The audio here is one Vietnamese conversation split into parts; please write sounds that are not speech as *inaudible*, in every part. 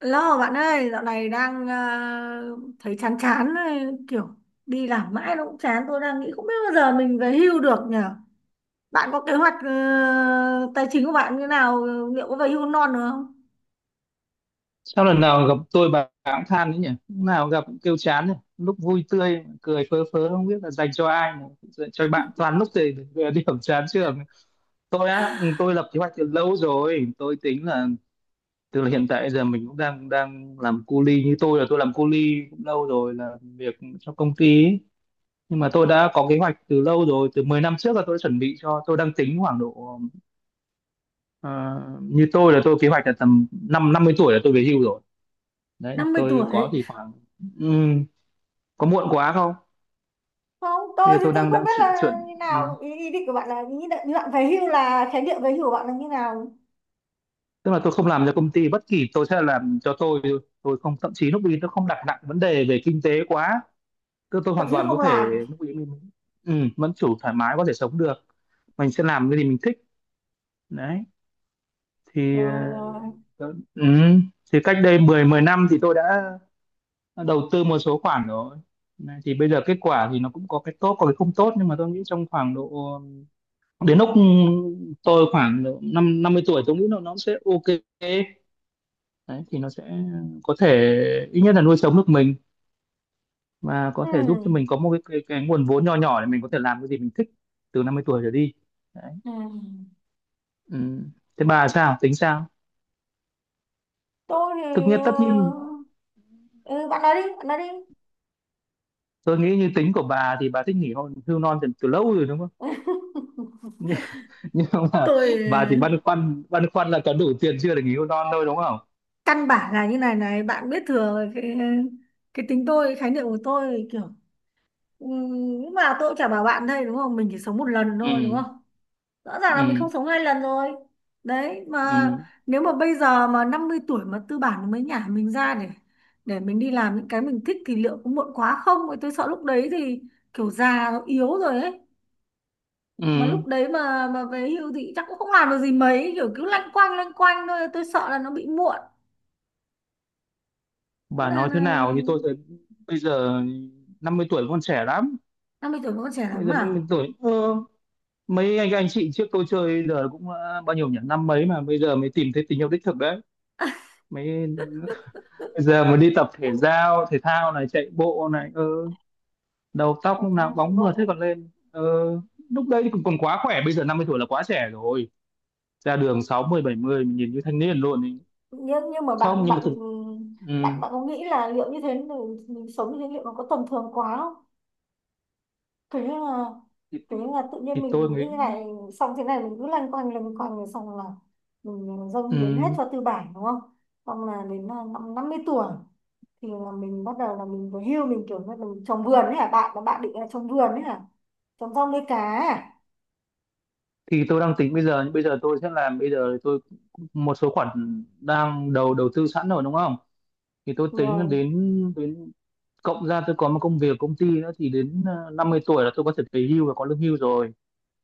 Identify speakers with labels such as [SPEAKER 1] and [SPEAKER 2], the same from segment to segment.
[SPEAKER 1] Lo bạn ơi, dạo này đang thấy chán chán ấy, kiểu đi làm mãi nó cũng chán. Tôi đang nghĩ không biết bao giờ mình về hưu được nhở? Bạn có kế hoạch tài chính của bạn như nào, liệu có về hưu non được không?
[SPEAKER 2] Sao lần nào gặp tôi bà cũng than đấy nhỉ? Lúc nào gặp cũng kêu chán nhỉ? Lúc vui tươi, cười phớ phớ không biết là dành cho ai mà dành cho bạn toàn lúc thì về điểm chán trường. Tôi á, ừ, tôi lập kế hoạch từ lâu rồi. Tôi tính là từ là hiện tại giờ mình cũng đang đang làm cu li, như tôi là tôi làm cu li cũng lâu rồi, là việc cho công ty ấy. Nhưng mà tôi đã có kế hoạch từ lâu rồi, từ 10 năm trước là tôi đã chuẩn bị cho, tôi đang tính khoảng độ ờ, như tôi là tôi kế hoạch là tầm năm 50 tuổi là tôi về hưu rồi. Đấy
[SPEAKER 1] năm mươi
[SPEAKER 2] tôi có
[SPEAKER 1] tuổi.
[SPEAKER 2] thì khoảng ừm, có muộn quá không?
[SPEAKER 1] Không,
[SPEAKER 2] Bây
[SPEAKER 1] tôi
[SPEAKER 2] giờ
[SPEAKER 1] thì
[SPEAKER 2] tôi
[SPEAKER 1] tôi
[SPEAKER 2] đang
[SPEAKER 1] không
[SPEAKER 2] đang
[SPEAKER 1] biết
[SPEAKER 2] chuyển
[SPEAKER 1] là
[SPEAKER 2] chuyển
[SPEAKER 1] như nào ý, ý định của bạn là như định như bạn về hưu là khái niệm về hưu của bạn là như nào?
[SPEAKER 2] tức là tôi không làm cho công ty bất kỳ, tôi sẽ làm cho tôi thôi. Tôi không, thậm chí lúc ý tôi không đặt nặng vấn đề về kinh tế quá, tôi
[SPEAKER 1] Thậm
[SPEAKER 2] hoàn
[SPEAKER 1] chí là
[SPEAKER 2] toàn có
[SPEAKER 1] không
[SPEAKER 2] thể
[SPEAKER 1] làm.
[SPEAKER 2] lúc ý mình vẫn chủ thoải mái có thể sống được, mình sẽ làm cái gì mình thích. Đấy thì
[SPEAKER 1] Rồi, rồi.
[SPEAKER 2] tớ- ừm, thì cách đây 10 10 năm thì tôi đã đầu tư một số khoản rồi. Này, thì bây giờ kết quả thì nó cũng có cái tốt có cái không tốt, nhưng mà tôi nghĩ trong khoảng độ đến lúc tôi khoảng năm năm mươi tuổi tôi nghĩ là nó sẽ ok. Đấy thì nó sẽ có thể ít nhất là nuôi sống được mình và
[SPEAKER 1] Ừ.
[SPEAKER 2] có thể giúp cho mình có một cái nguồn vốn nho nhỏ để mình có thể làm cái gì mình thích từ 50 tuổi trở đi. Đấy.
[SPEAKER 1] Ừ.
[SPEAKER 2] Ừ. Thế bà sao tính sao?
[SPEAKER 1] Tôi
[SPEAKER 2] Thực
[SPEAKER 1] thì
[SPEAKER 2] nhất tất nhiên
[SPEAKER 1] ừ, bạn nói đi, bạn nói đi.
[SPEAKER 2] tôi nghĩ như tính của bà thì bà thích nghỉ hôn hưu non từ, từ lâu rồi đúng không?
[SPEAKER 1] *laughs*
[SPEAKER 2] *laughs* nhưng, nhưng mà
[SPEAKER 1] Tôi
[SPEAKER 2] bà thì băn khoăn là có đủ tiền chưa để nghỉ hưu non thôi đúng không?
[SPEAKER 1] căn bản là như này này bạn biết thừa rồi, cái tính tôi, khái niệm của tôi kiểu nhưng mà tôi cũng chả bảo bạn đây đúng không, mình chỉ sống một lần
[SPEAKER 2] Ừ.
[SPEAKER 1] thôi đúng không? Rõ ràng là mình
[SPEAKER 2] Ừ.
[SPEAKER 1] không sống hai lần rồi. Đấy mà
[SPEAKER 2] Ừ.
[SPEAKER 1] nếu mà bây giờ mà 50 tuổi mà tư bản mới nhả mình ra để mình đi làm những cái mình thích thì liệu có muộn quá không? Tôi sợ lúc đấy thì kiểu già nó yếu rồi ấy, mà
[SPEAKER 2] Ừ.
[SPEAKER 1] lúc đấy mà về hưu thì chắc cũng không làm được gì mấy, kiểu cứ lanh quanh thôi, tôi sợ là nó bị muộn.
[SPEAKER 2] Bà
[SPEAKER 1] là,
[SPEAKER 2] nói thế
[SPEAKER 1] là
[SPEAKER 2] nào, như tôi thấy bây giờ 50 tuổi vẫn còn trẻ lắm.
[SPEAKER 1] 50 tuổi vẫn còn trẻ
[SPEAKER 2] Bây
[SPEAKER 1] lắm
[SPEAKER 2] giờ năm
[SPEAKER 1] à?
[SPEAKER 2] mươi tuổi, mấy anh chị trước tôi chơi giờ cũng đã bao nhiêu nhỉ, năm mấy mà bây giờ mới tìm thấy tình yêu đích thực đấy. Mấy bây giờ mới đi tập thể giao thể thao này, chạy bộ này, ơ, đầu tóc
[SPEAKER 1] Ở
[SPEAKER 2] lúc nào
[SPEAKER 1] ra chạy
[SPEAKER 2] bóng mượt thế,
[SPEAKER 1] bộ.
[SPEAKER 2] còn lên. Ờ, Lúc đấy thì còn còn quá khỏe, bây giờ 50 tuổi là quá trẻ rồi. Ra đường sáu mươi bảy mươi mình nhìn như thanh niên luôn ý.
[SPEAKER 1] Nhưng mà
[SPEAKER 2] Không
[SPEAKER 1] bạn
[SPEAKER 2] nhưng mà
[SPEAKER 1] bạn
[SPEAKER 2] thực ừ,
[SPEAKER 1] bạn bạn có nghĩ là liệu như thế mình sống như thế liệu nó có tầm thường quá không? thế là
[SPEAKER 2] thì,
[SPEAKER 1] thế là tự nhiên
[SPEAKER 2] thì tôi
[SPEAKER 1] mình
[SPEAKER 2] nghĩ
[SPEAKER 1] cái này, xong thế này mình cứ lanh quanh rồi xong là mình dâng hiến hết
[SPEAKER 2] ừ,
[SPEAKER 1] cho tư bản đúng không? Xong là đến năm năm mươi tuổi thì là mình bắt đầu là mình về hưu, mình kiểu như mình trồng vườn ấy hả, bạn là bạn định là trồng vườn ấy hả? Trồng rau nuôi cá à?
[SPEAKER 2] thì tôi đang tính bây giờ, nhưng bây giờ tôi sẽ làm, bây giờ tôi một số khoản đang đầu đầu tư sẵn rồi đúng không? Thì tôi tính đến
[SPEAKER 1] Rồi.
[SPEAKER 2] đến cộng ra tôi có một công việc công ty nữa thì đến 50 tuổi là tôi có thể về hưu và có lương hưu rồi.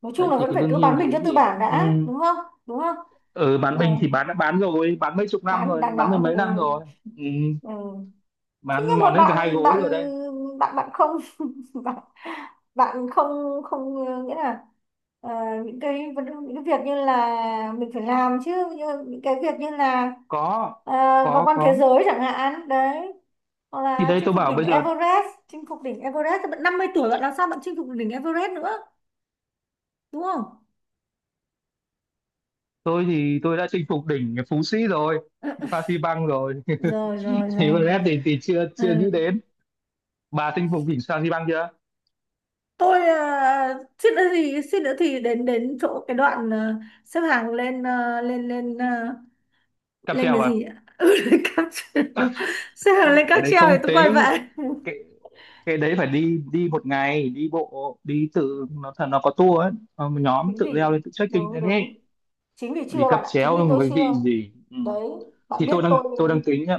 [SPEAKER 1] Nói chung
[SPEAKER 2] Đấy
[SPEAKER 1] là
[SPEAKER 2] thì
[SPEAKER 1] vẫn
[SPEAKER 2] cái
[SPEAKER 1] phải
[SPEAKER 2] lương
[SPEAKER 1] cứ
[SPEAKER 2] hưu
[SPEAKER 1] bán mình cho
[SPEAKER 2] đấy
[SPEAKER 1] tư
[SPEAKER 2] thì
[SPEAKER 1] bản
[SPEAKER 2] ừ,
[SPEAKER 1] đã đúng không? Đúng không?
[SPEAKER 2] ở bán
[SPEAKER 1] Ờ,
[SPEAKER 2] mình thì bán đã bán rồi, bán mấy chục năm
[SPEAKER 1] đáng
[SPEAKER 2] rồi,
[SPEAKER 1] đáng
[SPEAKER 2] bán mười
[SPEAKER 1] đáng
[SPEAKER 2] mấy năm
[SPEAKER 1] ừ.
[SPEAKER 2] rồi. Ừ,
[SPEAKER 1] Ừ. Thế
[SPEAKER 2] bán
[SPEAKER 1] nhưng mà
[SPEAKER 2] mòn đến cả hai
[SPEAKER 1] bạn
[SPEAKER 2] gối
[SPEAKER 1] bạn
[SPEAKER 2] rồi đây.
[SPEAKER 1] bạn bạn không *laughs* bạn, bạn không, nghĩa là ờ, những những cái việc như là mình phải làm chứ, những cái việc như là
[SPEAKER 2] Có.
[SPEAKER 1] ờ, vào
[SPEAKER 2] có
[SPEAKER 1] quan thế
[SPEAKER 2] có
[SPEAKER 1] giới chẳng hạn, đấy, hoặc
[SPEAKER 2] Thì
[SPEAKER 1] là
[SPEAKER 2] đây
[SPEAKER 1] chinh
[SPEAKER 2] tôi
[SPEAKER 1] phục
[SPEAKER 2] bảo
[SPEAKER 1] đỉnh
[SPEAKER 2] bây giờ
[SPEAKER 1] Everest. Chinh phục đỉnh Everest thì bạn 50 tuổi bạn làm sao bạn chinh phục đỉnh Everest nữa, đúng không?
[SPEAKER 2] tôi thì tôi đã chinh phục đỉnh Phú Sĩ rồi,
[SPEAKER 1] Ừ, ừ.
[SPEAKER 2] Phan Xi Păng rồi. *laughs*
[SPEAKER 1] Rồi rồi
[SPEAKER 2] Thì
[SPEAKER 1] rồi.
[SPEAKER 2] Brad thì chưa chưa
[SPEAKER 1] Ừ.
[SPEAKER 2] nghĩ đến. Bà chinh phục đỉnh sao băng chưa?
[SPEAKER 1] tôi suýt nữa thì đến đến chỗ cái đoạn, xếp hàng lên, lên lên,
[SPEAKER 2] Cáp
[SPEAKER 1] lên
[SPEAKER 2] treo
[SPEAKER 1] cái gì
[SPEAKER 2] à?
[SPEAKER 1] nhỉ *laughs* lên cáp treo, xếp hàng lên cáp
[SPEAKER 2] Cái đấy
[SPEAKER 1] treo thì
[SPEAKER 2] không
[SPEAKER 1] tôi quay
[SPEAKER 2] tính.
[SPEAKER 1] về.
[SPEAKER 2] cái cái đấy phải đi đi một ngày, đi bộ đi tự nó thật, nó có tour ấy. Ờ, một nhóm
[SPEAKER 1] Chính
[SPEAKER 2] tự leo
[SPEAKER 1] vì,
[SPEAKER 2] lên, tự trekking
[SPEAKER 1] đúng
[SPEAKER 2] lên ấy.
[SPEAKER 1] đúng, chính vì
[SPEAKER 2] Đi
[SPEAKER 1] chưa
[SPEAKER 2] cáp
[SPEAKER 1] bạn ạ, chính vì
[SPEAKER 2] treo
[SPEAKER 1] tôi
[SPEAKER 2] với vị
[SPEAKER 1] chưa.
[SPEAKER 2] gì ừ.
[SPEAKER 1] Đấy, bạn
[SPEAKER 2] Thì
[SPEAKER 1] biết
[SPEAKER 2] tôi đang
[SPEAKER 1] tôi.
[SPEAKER 2] tôi đang tính nhá,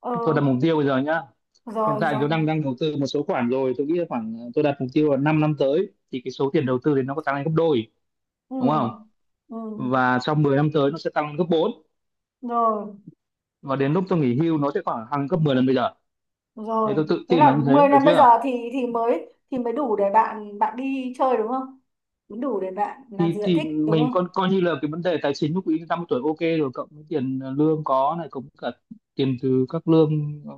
[SPEAKER 1] Ờ,
[SPEAKER 2] tôi đặt mục tiêu bây giờ nhá. Hiện
[SPEAKER 1] rồi
[SPEAKER 2] tại
[SPEAKER 1] rồi.
[SPEAKER 2] tôi đang đang đầu tư một số khoản rồi, tôi nghĩ là khoảng tôi đặt mục tiêu là 5 năm tới thì cái số tiền đầu tư thì nó có tăng lên gấp đôi
[SPEAKER 1] Ừ,
[SPEAKER 2] đúng không?
[SPEAKER 1] ừ.
[SPEAKER 2] Và trong 10 năm tới nó sẽ tăng lên gấp bốn,
[SPEAKER 1] Rồi
[SPEAKER 2] và đến lúc tôi nghỉ hưu nó sẽ khoảng hàng gấp 10 lần bây giờ. Thế
[SPEAKER 1] rồi.
[SPEAKER 2] tôi tự
[SPEAKER 1] Thế
[SPEAKER 2] tin là
[SPEAKER 1] là
[SPEAKER 2] như thế
[SPEAKER 1] mười
[SPEAKER 2] được
[SPEAKER 1] năm bây giờ
[SPEAKER 2] chưa?
[SPEAKER 1] thì mới đủ để bạn bạn đi chơi đúng không? Mới đủ để bạn làm
[SPEAKER 2] Thì
[SPEAKER 1] gì bạn
[SPEAKER 2] thì
[SPEAKER 1] thích đúng
[SPEAKER 2] mình coi
[SPEAKER 1] không?
[SPEAKER 2] coi như là cái vấn đề tài chính lúc ý năm mươi tuổi ok rồi, cộng với tiền lương có này cũng cả tiền từ các lương ờ,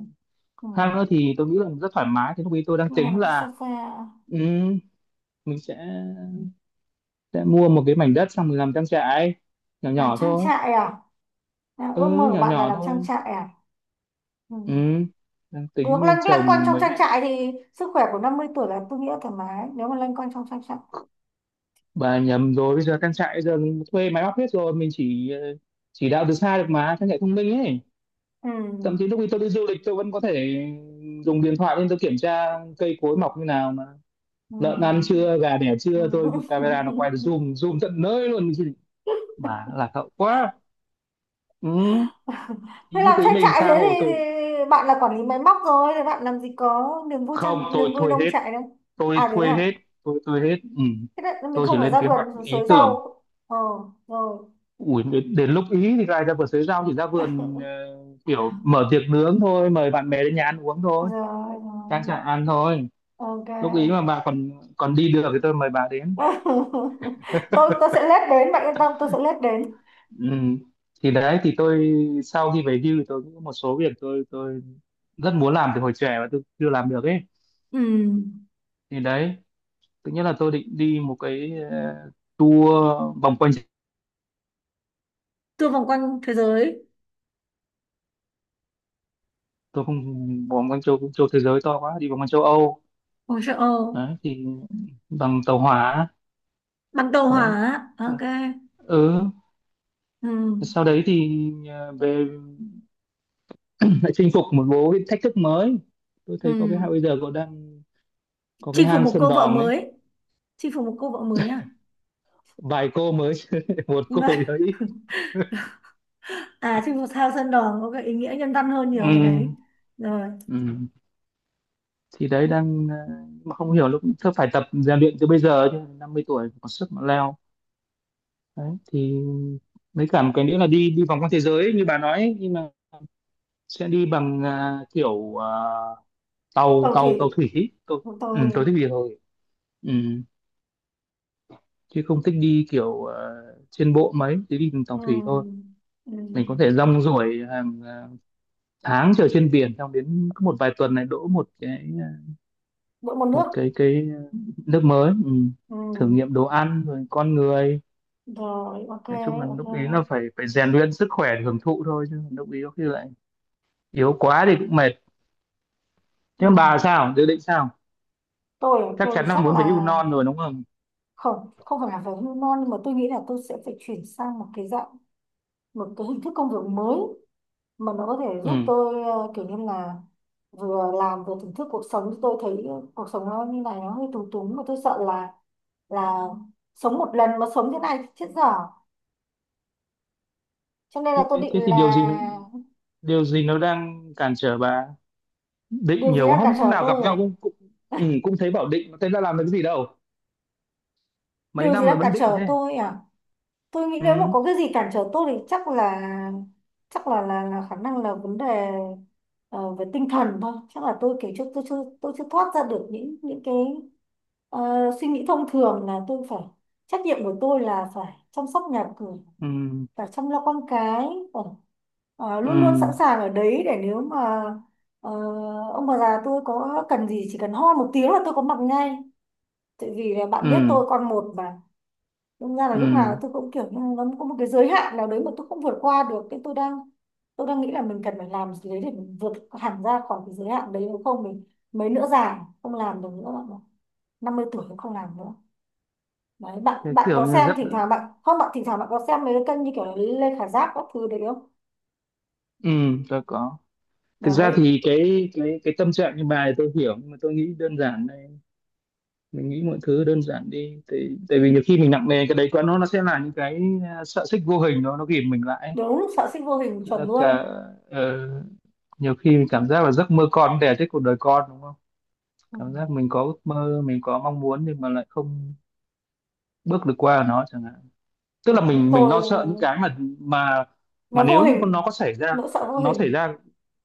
[SPEAKER 1] Ừ.
[SPEAKER 2] khác nữa thì tôi nghĩ là rất thoải mái. Thì lúc ý tôi đang
[SPEAKER 1] Nghe
[SPEAKER 2] tính
[SPEAKER 1] là cái
[SPEAKER 2] là
[SPEAKER 1] sofa.
[SPEAKER 2] ừ, mình sẽ mua một cái mảnh đất xong mình làm trang trại nhỏ
[SPEAKER 1] Làm
[SPEAKER 2] nhỏ
[SPEAKER 1] trang
[SPEAKER 2] thôi.
[SPEAKER 1] trại à? À, ước mơ
[SPEAKER 2] Ừ,
[SPEAKER 1] của
[SPEAKER 2] nhỏ
[SPEAKER 1] bạn là
[SPEAKER 2] nhỏ
[SPEAKER 1] làm trang
[SPEAKER 2] thôi.
[SPEAKER 1] trại à? Ừ.
[SPEAKER 2] Ừ, đang
[SPEAKER 1] Được
[SPEAKER 2] tính
[SPEAKER 1] lăn lăn quanh
[SPEAKER 2] trồng
[SPEAKER 1] trong
[SPEAKER 2] mấy.
[SPEAKER 1] trang trại thì sức khỏe của 50 tuổi là tôi nghĩ là thoải mái nếu mà lăn quanh trong trang trại.
[SPEAKER 2] Bà nhầm rồi, bây giờ trang trại bây giờ thuê máy móc hết rồi, mình chỉ chỉ đạo từ xa được mà, trang trại thông minh ấy.
[SPEAKER 1] Ừ.
[SPEAKER 2] Thậm chí lúc đi tôi đi du lịch tôi vẫn có thể dùng điện thoại lên tôi kiểm tra cây cối mọc như nào mà,
[SPEAKER 1] Ừ.
[SPEAKER 2] lợn ăn chưa gà đẻ chưa, tôi
[SPEAKER 1] Ừ.
[SPEAKER 2] camera nó quay được zoom zoom tận nơi luôn. Chứ bà lạc hậu quá. Ừ.
[SPEAKER 1] *laughs* Thế
[SPEAKER 2] Thì lúc
[SPEAKER 1] làm
[SPEAKER 2] ấy
[SPEAKER 1] trang
[SPEAKER 2] mình
[SPEAKER 1] trại
[SPEAKER 2] tha
[SPEAKER 1] thế thì,
[SPEAKER 2] hồ tôi.
[SPEAKER 1] thì bạn là quản lý máy móc rồi thì bạn làm gì có niềm vui
[SPEAKER 2] Không
[SPEAKER 1] trang
[SPEAKER 2] tôi
[SPEAKER 1] niềm vui
[SPEAKER 2] thuê
[SPEAKER 1] nông
[SPEAKER 2] hết
[SPEAKER 1] trại đâu.
[SPEAKER 2] tôi
[SPEAKER 1] À đấy
[SPEAKER 2] thuê
[SPEAKER 1] hả?
[SPEAKER 2] hết tôi thuê hết. Ừ.
[SPEAKER 1] Thế đấy, mình
[SPEAKER 2] Tôi chỉ
[SPEAKER 1] không phải
[SPEAKER 2] lên
[SPEAKER 1] ra
[SPEAKER 2] kế hoạch
[SPEAKER 1] vườn
[SPEAKER 2] ý
[SPEAKER 1] xới
[SPEAKER 2] tưởng.
[SPEAKER 1] rau. Ờ, rồi.
[SPEAKER 2] Ủi, đến, đến lúc ý thì lại ra vườn sới rau, chỉ ra vườn
[SPEAKER 1] *laughs*
[SPEAKER 2] kiểu mở tiệc nướng thôi, mời bạn bè đến nhà ăn uống thôi,
[SPEAKER 1] Rồi
[SPEAKER 2] trang
[SPEAKER 1] rồi.
[SPEAKER 2] trại ăn thôi.
[SPEAKER 1] Ok.
[SPEAKER 2] Lúc ý mà bà còn còn đi được thì tôi mời bà đến.
[SPEAKER 1] *laughs* Tôi sẽ lết đến, bạn yên tâm, tôi sẽ lết đến.
[SPEAKER 2] Ừ. Thì đấy thì tôi sau khi về hưu thì tôi cũng có một số việc tôi rất muốn làm từ hồi trẻ mà tôi chưa làm được ấy.
[SPEAKER 1] Ừ,
[SPEAKER 2] Thì đấy tự nhiên là tôi định đi một cái tour vòng quanh.
[SPEAKER 1] tour vòng quanh thế giới.
[SPEAKER 2] Tôi không, vòng quanh châu châu thế giới to quá, đi vòng quanh châu Âu.
[SPEAKER 1] Ôi trời ơi,
[SPEAKER 2] Đấy thì bằng tàu hỏa.
[SPEAKER 1] bằng tàu
[SPEAKER 2] Đấy.
[SPEAKER 1] hỏa. Ok.
[SPEAKER 2] Ờ. Ừ.
[SPEAKER 1] Ừ,
[SPEAKER 2] Sau đấy thì về *laughs* lại chinh phục một bố cái thách thức mới. Tôi thấy có cái
[SPEAKER 1] ừ.
[SPEAKER 2] hang bây giờ có đang có cái
[SPEAKER 1] Chinh phục
[SPEAKER 2] hang
[SPEAKER 1] một
[SPEAKER 2] Sơn
[SPEAKER 1] cô vợ
[SPEAKER 2] Đòn ấy.
[SPEAKER 1] mới. Chinh phục một cô vợ mới à?
[SPEAKER 2] Vài cô mới chứ, *laughs* một cô
[SPEAKER 1] Vâng.
[SPEAKER 2] thì hơi ít.
[SPEAKER 1] *laughs* À, chinh phục sao sơn đỏ có cái ý nghĩa nhân văn hơn nhiều
[SPEAKER 2] Ừ.
[SPEAKER 1] ở đấy. Rồi.
[SPEAKER 2] Ừ. Thì đấy đang mà không hiểu lúc tôi phải tập rèn luyện từ bây giờ chứ, 50 tuổi có sức mà leo. Đấy thì mấy cả một cái nữa là đi đi vòng quanh thế giới ấy, như bà nói ấy, nhưng mà sẽ đi bằng kiểu tàu
[SPEAKER 1] Tàu thủy,
[SPEAKER 2] tàu tàu thủy tôi.
[SPEAKER 1] một tàu
[SPEAKER 2] Ừ, tôi
[SPEAKER 1] thủy.
[SPEAKER 2] thích gì thôi. Ừ. Chứ không thích đi kiểu trên bộ, mấy chỉ đi bằng tàu
[SPEAKER 1] Ừ.
[SPEAKER 2] thủy thôi.
[SPEAKER 1] Ừ.
[SPEAKER 2] Mình có thể rong ruổi hàng tháng chờ trên biển, xong đến cứ một vài tuần này đỗ một cái
[SPEAKER 1] Mỗi một nước.
[SPEAKER 2] một cái nước mới. Ừ.
[SPEAKER 1] Ừ.
[SPEAKER 2] Thử nghiệm đồ ăn rồi con người.
[SPEAKER 1] Rồi, ok.
[SPEAKER 2] Nói chung là lúc ý
[SPEAKER 1] Ok.
[SPEAKER 2] là phải phải rèn luyện sức khỏe để hưởng thụ thôi, chứ lúc ý có khi lại yếu quá thì cũng mệt. Thế còn
[SPEAKER 1] Ừ.
[SPEAKER 2] bà sao, dự định sao?
[SPEAKER 1] tôi
[SPEAKER 2] Chắc
[SPEAKER 1] tôi
[SPEAKER 2] chắn là
[SPEAKER 1] chắc
[SPEAKER 2] muốn về hưu
[SPEAKER 1] là
[SPEAKER 2] non rồi đúng không?
[SPEAKER 1] không, không phải là về hormone nhưng mà tôi nghĩ là tôi sẽ phải chuyển sang một cái dạng, một cái hình thức công việc mới mà nó có thể giúp
[SPEAKER 2] Ừ.
[SPEAKER 1] tôi kiểu như là vừa làm vừa thưởng thức cuộc sống. Tôi thấy cuộc sống nó như này nó hơi túng túng mà tôi sợ là sống một lần mà sống thế này thì chết dở, cho nên
[SPEAKER 2] Thế,
[SPEAKER 1] là tôi định
[SPEAKER 2] thế thì điều
[SPEAKER 1] là
[SPEAKER 2] gì, điều gì nó đang cản trở bà? Định
[SPEAKER 1] điều gì
[SPEAKER 2] nhiều,
[SPEAKER 1] đang cản
[SPEAKER 2] hôm hôm
[SPEAKER 1] trở
[SPEAKER 2] nào gặp
[SPEAKER 1] tôi à?
[SPEAKER 2] nhau cũng cũng ừ,
[SPEAKER 1] *laughs*
[SPEAKER 2] cũng thấy bảo định thế ra làm được cái gì đâu, mấy
[SPEAKER 1] Điều gì
[SPEAKER 2] năm rồi
[SPEAKER 1] đang cản
[SPEAKER 2] vẫn định
[SPEAKER 1] trở
[SPEAKER 2] thế.
[SPEAKER 1] tôi à? Tôi nghĩ nếu mà
[SPEAKER 2] Ừ.
[SPEAKER 1] có cái gì cản trở tôi thì chắc là là khả năng, là vấn đề ờ, về tinh thần thôi. Chắc là tôi kiểu chưa, tôi chưa thoát ra được những cái suy nghĩ thông thường là tôi phải, trách nhiệm của tôi là phải chăm sóc nhà cửa,
[SPEAKER 2] Ừ.
[SPEAKER 1] phải chăm lo con cái, phải,
[SPEAKER 2] Ừ.
[SPEAKER 1] luôn luôn sẵn sàng ở đấy để nếu mà ờ, ông bà già tôi có cần gì, chỉ cần ho một tiếng là tôi có mặt ngay, tại vì là bạn biết
[SPEAKER 2] Ừ.
[SPEAKER 1] tôi con một mà. Đúng ra là
[SPEAKER 2] Ừ.
[SPEAKER 1] lúc nào tôi cũng kiểu như nó có một cái giới hạn nào đấy mà tôi không vượt qua được, cái tôi đang nghĩ là mình cần phải làm gì đấy để mình vượt hẳn ra khỏi cái giới hạn đấy, nếu không mình mấy nữa già không làm được nữa bạn ạ, 50 tuổi cũng không làm nữa. Đấy, bạn
[SPEAKER 2] Cái
[SPEAKER 1] bạn
[SPEAKER 2] kiểu
[SPEAKER 1] có
[SPEAKER 2] như
[SPEAKER 1] xem
[SPEAKER 2] rất
[SPEAKER 1] thỉnh thoảng bạn không, bạn thỉnh thoảng bạn có xem mấy cái kênh như kiểu là Lê Khả Giáp các thứ đấy không?
[SPEAKER 2] ừ, tôi có. Thực ra
[SPEAKER 1] Đấy.
[SPEAKER 2] thì cái tâm trạng như bài tôi hiểu, nhưng mà tôi nghĩ đơn giản đây, mình nghĩ mọi thứ đơn giản đi, tại tại vì nhiều khi mình nặng nề cái đấy quá nó sẽ là những cái sợi xích vô hình, nó ghìm mình lại ấy.
[SPEAKER 1] Đúng, sợ sinh vô hình,
[SPEAKER 2] Tức
[SPEAKER 1] chuẩn
[SPEAKER 2] là cả
[SPEAKER 1] luôn.
[SPEAKER 2] ờ, nhiều khi mình cảm giác là giấc mơ con đẻ chết cuộc đời con đúng không?
[SPEAKER 1] Ừ.
[SPEAKER 2] Cảm giác mình có ước mơ, mình có mong muốn nhưng mà lại không bước được qua nó chẳng hạn. Tức là
[SPEAKER 1] Đấy,
[SPEAKER 2] mình
[SPEAKER 1] tôi,
[SPEAKER 2] lo sợ những cái mà
[SPEAKER 1] nó vô
[SPEAKER 2] nếu như nó
[SPEAKER 1] hình.
[SPEAKER 2] có xảy ra,
[SPEAKER 1] Nỗi sợ vô
[SPEAKER 2] nó xảy
[SPEAKER 1] hình.
[SPEAKER 2] ra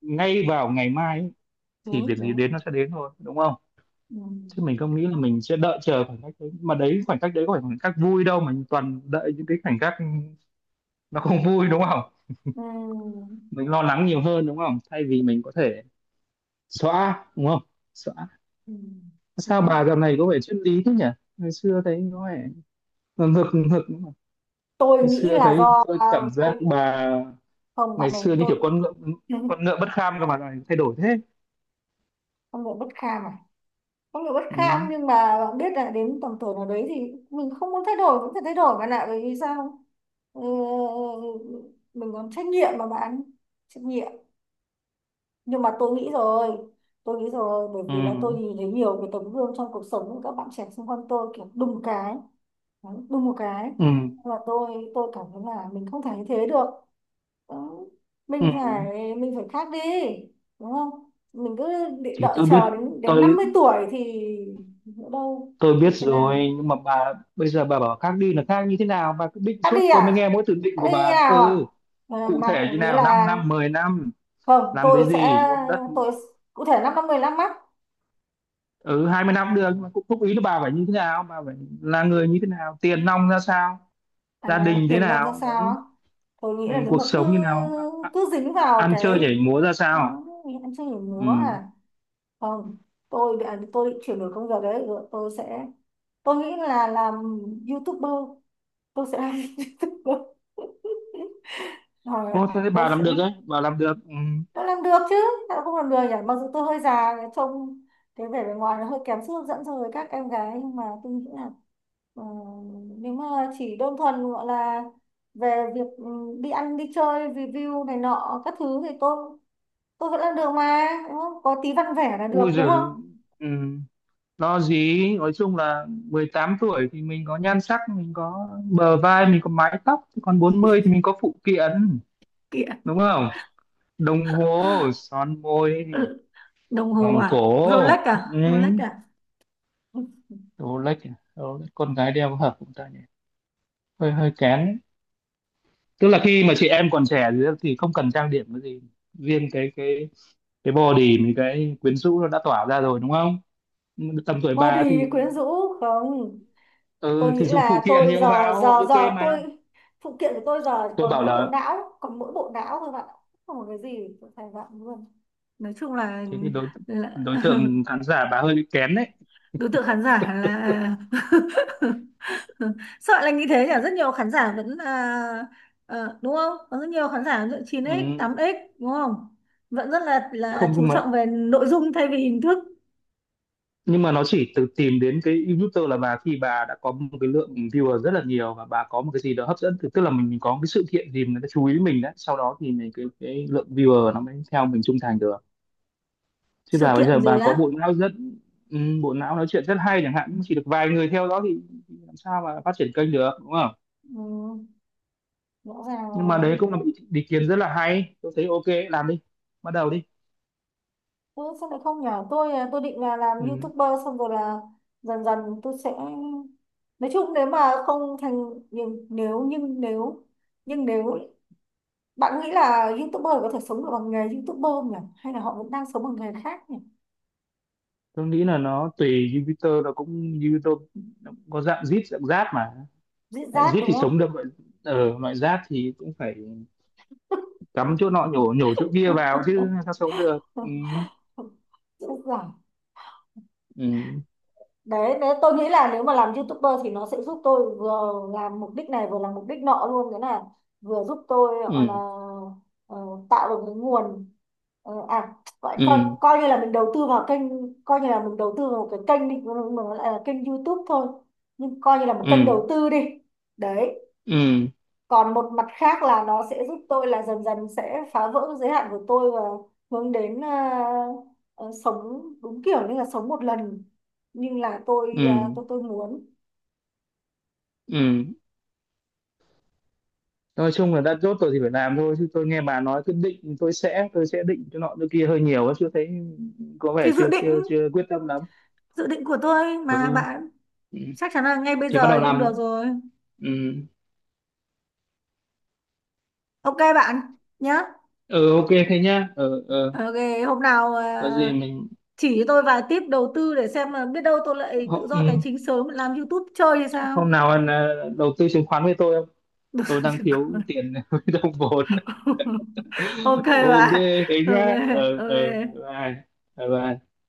[SPEAKER 2] ngay vào ngày mai ấy, thì
[SPEAKER 1] Đúng
[SPEAKER 2] việc gì
[SPEAKER 1] đúng.
[SPEAKER 2] đến nó sẽ đến thôi đúng không?
[SPEAKER 1] Ừ.
[SPEAKER 2] Chứ mình không nghĩ là mình sẽ đợi chờ khoảnh khắc đấy, mà đấy khoảnh khắc đấy có phải khoảnh khắc vui đâu, mà toàn đợi những cái khoảnh khắc nó không vui đúng không?
[SPEAKER 1] Ừ.
[SPEAKER 2] Mình lo lắng nhiều hơn đúng không, thay vì mình có thể xóa đúng không, xóa.
[SPEAKER 1] Ừ.
[SPEAKER 2] Sao
[SPEAKER 1] Đúng.
[SPEAKER 2] bà dạo này có vẻ triết lý thế nhỉ? Ngày xưa thấy có vẻ ngược ngược.
[SPEAKER 1] Tôi
[SPEAKER 2] Ngày
[SPEAKER 1] nghĩ
[SPEAKER 2] xưa
[SPEAKER 1] là
[SPEAKER 2] thấy
[SPEAKER 1] do,
[SPEAKER 2] tôi cảm giác
[SPEAKER 1] tôi.
[SPEAKER 2] bà,
[SPEAKER 1] Không bạn
[SPEAKER 2] ngày
[SPEAKER 1] ơi,
[SPEAKER 2] xưa như kiểu
[SPEAKER 1] tôi.
[SPEAKER 2] con ngựa,
[SPEAKER 1] *laughs*
[SPEAKER 2] con ngựa bất kham, cơ mà lại thay đổi thế.
[SPEAKER 1] Con người bất kham à? Con người bất kham
[SPEAKER 2] Ừ.
[SPEAKER 1] nhưng mà bạn biết là đến tầm tuổi nào đấy thì mình không muốn thay đổi cũng phải thay đổi bạn ạ, bởi vì sao? Ừ, mình còn trách nhiệm mà bạn, trách nhiệm. Nhưng mà tôi nghĩ rồi. Tôi nghĩ rồi bởi
[SPEAKER 2] Ừ.
[SPEAKER 1] vì là tôi nhìn thấy nhiều cái tấm gương trong cuộc sống của các bạn trẻ xung quanh tôi, kiểu đùng cái. Đấy, đùng một cái.
[SPEAKER 2] Ừ.
[SPEAKER 1] Và tôi cảm thấy là mình không thể như thế được. Đó. mình phải
[SPEAKER 2] Ừ.
[SPEAKER 1] mình phải khác đi, đúng không? Mình cứ đợi
[SPEAKER 2] Thì
[SPEAKER 1] đợi
[SPEAKER 2] tôi
[SPEAKER 1] chờ
[SPEAKER 2] biết,
[SPEAKER 1] đến đến năm
[SPEAKER 2] tôi
[SPEAKER 1] mươi tuổi thì nữa đâu.
[SPEAKER 2] tôi biết
[SPEAKER 1] Biết thế nào.
[SPEAKER 2] rồi, nhưng mà bà bây giờ bà bảo khác đi là khác như thế nào? Bà cứ định
[SPEAKER 1] Khác
[SPEAKER 2] suốt,
[SPEAKER 1] đi
[SPEAKER 2] tôi mới
[SPEAKER 1] à?
[SPEAKER 2] nghe mỗi từ định
[SPEAKER 1] Khác
[SPEAKER 2] của
[SPEAKER 1] đi như
[SPEAKER 2] bà.
[SPEAKER 1] nào à?
[SPEAKER 2] Ừ,
[SPEAKER 1] Ờ,
[SPEAKER 2] cụ
[SPEAKER 1] mà
[SPEAKER 2] thể như
[SPEAKER 1] nghĩa
[SPEAKER 2] nào,
[SPEAKER 1] là
[SPEAKER 2] 5 năm 10 năm,
[SPEAKER 1] không,
[SPEAKER 2] làm cái
[SPEAKER 1] tôi sẽ,
[SPEAKER 2] gì, mua đất.
[SPEAKER 1] tôi cụ thể năm năm mười lăm mắt.
[SPEAKER 2] Ừ, 20 năm cũng được, nhưng mà cũng thúc ý là bà phải như thế nào, bà phải là người như thế nào, tiền nong ra sao, gia đình thế
[SPEAKER 1] Tiền nong ra
[SPEAKER 2] nào đấy,
[SPEAKER 1] sao á? Tôi nghĩ
[SPEAKER 2] ừ,
[SPEAKER 1] là nếu
[SPEAKER 2] cuộc
[SPEAKER 1] mà cứ
[SPEAKER 2] sống như nào,
[SPEAKER 1] cứ dính vào
[SPEAKER 2] ăn chơi
[SPEAKER 1] cái
[SPEAKER 2] nhảy múa ra
[SPEAKER 1] đó,
[SPEAKER 2] sao.
[SPEAKER 1] em chưa hiểu múa
[SPEAKER 2] Ừ.
[SPEAKER 1] à? Không, tôi định chuyển đổi công việc đấy, rồi tôi sẽ, tôi nghĩ là làm youtuber. Tôi sẽ làm *laughs* youtuber. Rồi
[SPEAKER 2] Ô, thế thì
[SPEAKER 1] tôi
[SPEAKER 2] bà làm
[SPEAKER 1] sẽ,
[SPEAKER 2] được đấy, bà làm được. Ừ.
[SPEAKER 1] tôi làm được chứ, sao không làm được nhỉ? Mặc dù tôi hơi già, trông cái vẻ bề ngoài nó hơi kém sức hấp dẫn so với các em gái, nhưng mà tôi nghĩ là ờ, nếu mà chỉ đơn thuần gọi là về việc đi ăn đi chơi review này nọ các thứ thì tôi vẫn làm được mà, đúng không? Có tí văn vẻ là
[SPEAKER 2] Ui
[SPEAKER 1] được đúng
[SPEAKER 2] giời.
[SPEAKER 1] không?
[SPEAKER 2] Ừ. Lo gì, nói chung là 18 tuổi thì mình có nhan sắc, mình có bờ vai, mình có mái tóc. Thế còn 40 thì mình có phụ kiện
[SPEAKER 1] Kìa.
[SPEAKER 2] đúng không, đồng hồ, son môi,
[SPEAKER 1] Đồng hồ
[SPEAKER 2] vòng
[SPEAKER 1] à? Rolex
[SPEAKER 2] cổ. Ừ.
[SPEAKER 1] à? Rolex à?
[SPEAKER 2] Đồ lách, đồ lách con gái đeo có hợp cũng ta nhỉ, hơi hơi kén. Tức là khi mà chị em còn trẻ thì không cần trang điểm cái gì, riêng cái cái body mình cái quyến rũ nó đã tỏa ra rồi đúng không? Tầm tuổi bà
[SPEAKER 1] Body
[SPEAKER 2] thì
[SPEAKER 1] quyến rũ không? Tôi
[SPEAKER 2] ừ, thì
[SPEAKER 1] nghĩ
[SPEAKER 2] dùng phụ
[SPEAKER 1] là
[SPEAKER 2] kiện
[SPEAKER 1] tôi
[SPEAKER 2] nhiều
[SPEAKER 1] giờ,
[SPEAKER 2] vào
[SPEAKER 1] giờ
[SPEAKER 2] ok
[SPEAKER 1] giờ
[SPEAKER 2] mà.
[SPEAKER 1] tôi, phụ kiện của tôi giờ
[SPEAKER 2] Tôi
[SPEAKER 1] còn
[SPEAKER 2] bảo
[SPEAKER 1] mỗi bộ
[SPEAKER 2] là
[SPEAKER 1] não, còn mỗi bộ não thôi bạn ạ. Không có cái gì tôi phải bạn luôn. Nói chung là,
[SPEAKER 2] thế thì đối
[SPEAKER 1] là
[SPEAKER 2] đối
[SPEAKER 1] *laughs*
[SPEAKER 2] tượng khán giả bà hơi bị kén đấy.
[SPEAKER 1] đối tượng khán giả là *laughs* sợ là như thế nhỉ? Rất nhiều khán giả vẫn là đúng không? Có rất nhiều khán giả lựa 9x,
[SPEAKER 2] Ừ,
[SPEAKER 1] 8x đúng không? Vẫn rất là
[SPEAKER 2] không
[SPEAKER 1] chú
[SPEAKER 2] nhưng mà,
[SPEAKER 1] trọng về nội dung thay vì hình thức.
[SPEAKER 2] nhưng mà nó chỉ từ tìm đến cái YouTuber là bà khi bà đã có một cái lượng viewer rất là nhiều, và bà có một cái gì đó hấp dẫn, tức tức là mình có cái sự kiện gì người ta chú ý mình đấy, sau đó thì mình cái lượng viewer nó mới theo mình trung thành được. Chứ
[SPEAKER 1] Sự
[SPEAKER 2] bà bây giờ
[SPEAKER 1] kiện gì
[SPEAKER 2] bà có bộ
[SPEAKER 1] đó.
[SPEAKER 2] não rất ừ, bộ não nói chuyện rất hay chẳng hạn, nhưng chỉ được vài người theo đó thì làm sao mà phát triển kênh được đúng không?
[SPEAKER 1] Ừ, rõ ràng
[SPEAKER 2] Nhưng mà
[SPEAKER 1] rồi.
[SPEAKER 2] đấy cũng là một ý, ý kiến rất là hay, tôi thấy ok làm đi, bắt đầu đi.
[SPEAKER 1] Ừ, sao lại không nhở? Tôi tôi định là làm
[SPEAKER 2] Ừ.
[SPEAKER 1] YouTuber xong rồi là dần dần tôi sẽ, nói chung nếu mà không thành, nhưng nếu, nhưng nếu bạn nghĩ là YouTuber có thể sống được bằng nghề YouTuber không nhỉ? Hay là họ vẫn đang sống bằng nghề khác nhỉ?
[SPEAKER 2] Tôi nghĩ là nó tùy, nó cũng Jupiter nó cũng có dạng zit dạng giáp mà,
[SPEAKER 1] Dễ
[SPEAKER 2] lại
[SPEAKER 1] dát
[SPEAKER 2] zit
[SPEAKER 1] đúng
[SPEAKER 2] thì sống
[SPEAKER 1] không?
[SPEAKER 2] được, loại ở loại giáp thì cũng phải cắm chỗ nọ nhổ nhổ chỗ kia vào chứ
[SPEAKER 1] *laughs*
[SPEAKER 2] sao sống được. Ừ.
[SPEAKER 1] Dễ dàng.
[SPEAKER 2] Ừ.
[SPEAKER 1] Đấy, nếu tôi nghĩ là nếu mà làm YouTuber thì nó sẽ giúp tôi vừa làm mục đích này vừa làm mục đích nọ luôn, cái là vừa giúp tôi gọi là
[SPEAKER 2] Ừ.
[SPEAKER 1] ờ, tạo được cái nguồn, ờ, à coi, coi
[SPEAKER 2] Ừ.
[SPEAKER 1] coi như là mình đầu tư vào kênh, coi như là mình đầu tư vào một cái kênh đi nhưng mà nó lại là kênh YouTube thôi, nhưng coi như là một kênh
[SPEAKER 2] Ừ.
[SPEAKER 1] đầu tư đi. Đấy.
[SPEAKER 2] Ừ.
[SPEAKER 1] Còn một mặt khác là nó sẽ giúp tôi là dần dần sẽ phá vỡ giới hạn của tôi và hướng đến ờ, sống đúng kiểu như là sống một lần, như là tôi
[SPEAKER 2] Ừ.
[SPEAKER 1] tôi muốn.
[SPEAKER 2] Ừ. Nói chung là đã chốt rồi thì phải làm thôi, chứ tôi nghe bà nói cứ định tôi sẽ định chỗ nọ chỗ kia hơi nhiều ấy, chưa thấy có vẻ
[SPEAKER 1] Thì dự
[SPEAKER 2] chưa chưa
[SPEAKER 1] định,
[SPEAKER 2] chưa quyết tâm lắm.
[SPEAKER 1] dự định của tôi mà
[SPEAKER 2] Ừ.
[SPEAKER 1] bạn,
[SPEAKER 2] Ừ.
[SPEAKER 1] chắc chắn là ngay bây
[SPEAKER 2] Thì bắt
[SPEAKER 1] giờ
[SPEAKER 2] đầu
[SPEAKER 1] thì không được
[SPEAKER 2] làm.
[SPEAKER 1] rồi.
[SPEAKER 2] Ừ,
[SPEAKER 1] Ok bạn. Nhá.
[SPEAKER 2] ừ, ok thế nhá. Ừ, ừ.
[SPEAKER 1] Ok. Hôm nào,
[SPEAKER 2] Có gì mình
[SPEAKER 1] chỉ cho tôi vài tip đầu tư để xem là biết đâu tôi lại tự
[SPEAKER 2] hôm, ừ,
[SPEAKER 1] do tài chính sớm làm YouTube chơi hay sao.
[SPEAKER 2] hôm nào anh đầu tư chứng khoán với tôi không? Tôi đang thiếu
[SPEAKER 1] *laughs*
[SPEAKER 2] tiền *laughs* với đồng vốn.
[SPEAKER 1] Ok
[SPEAKER 2] *laughs* Ok
[SPEAKER 1] bạn.
[SPEAKER 2] thế
[SPEAKER 1] Ok.
[SPEAKER 2] nhá. Ừ, ừ.
[SPEAKER 1] Ok.
[SPEAKER 2] Bye bye. Bye bye.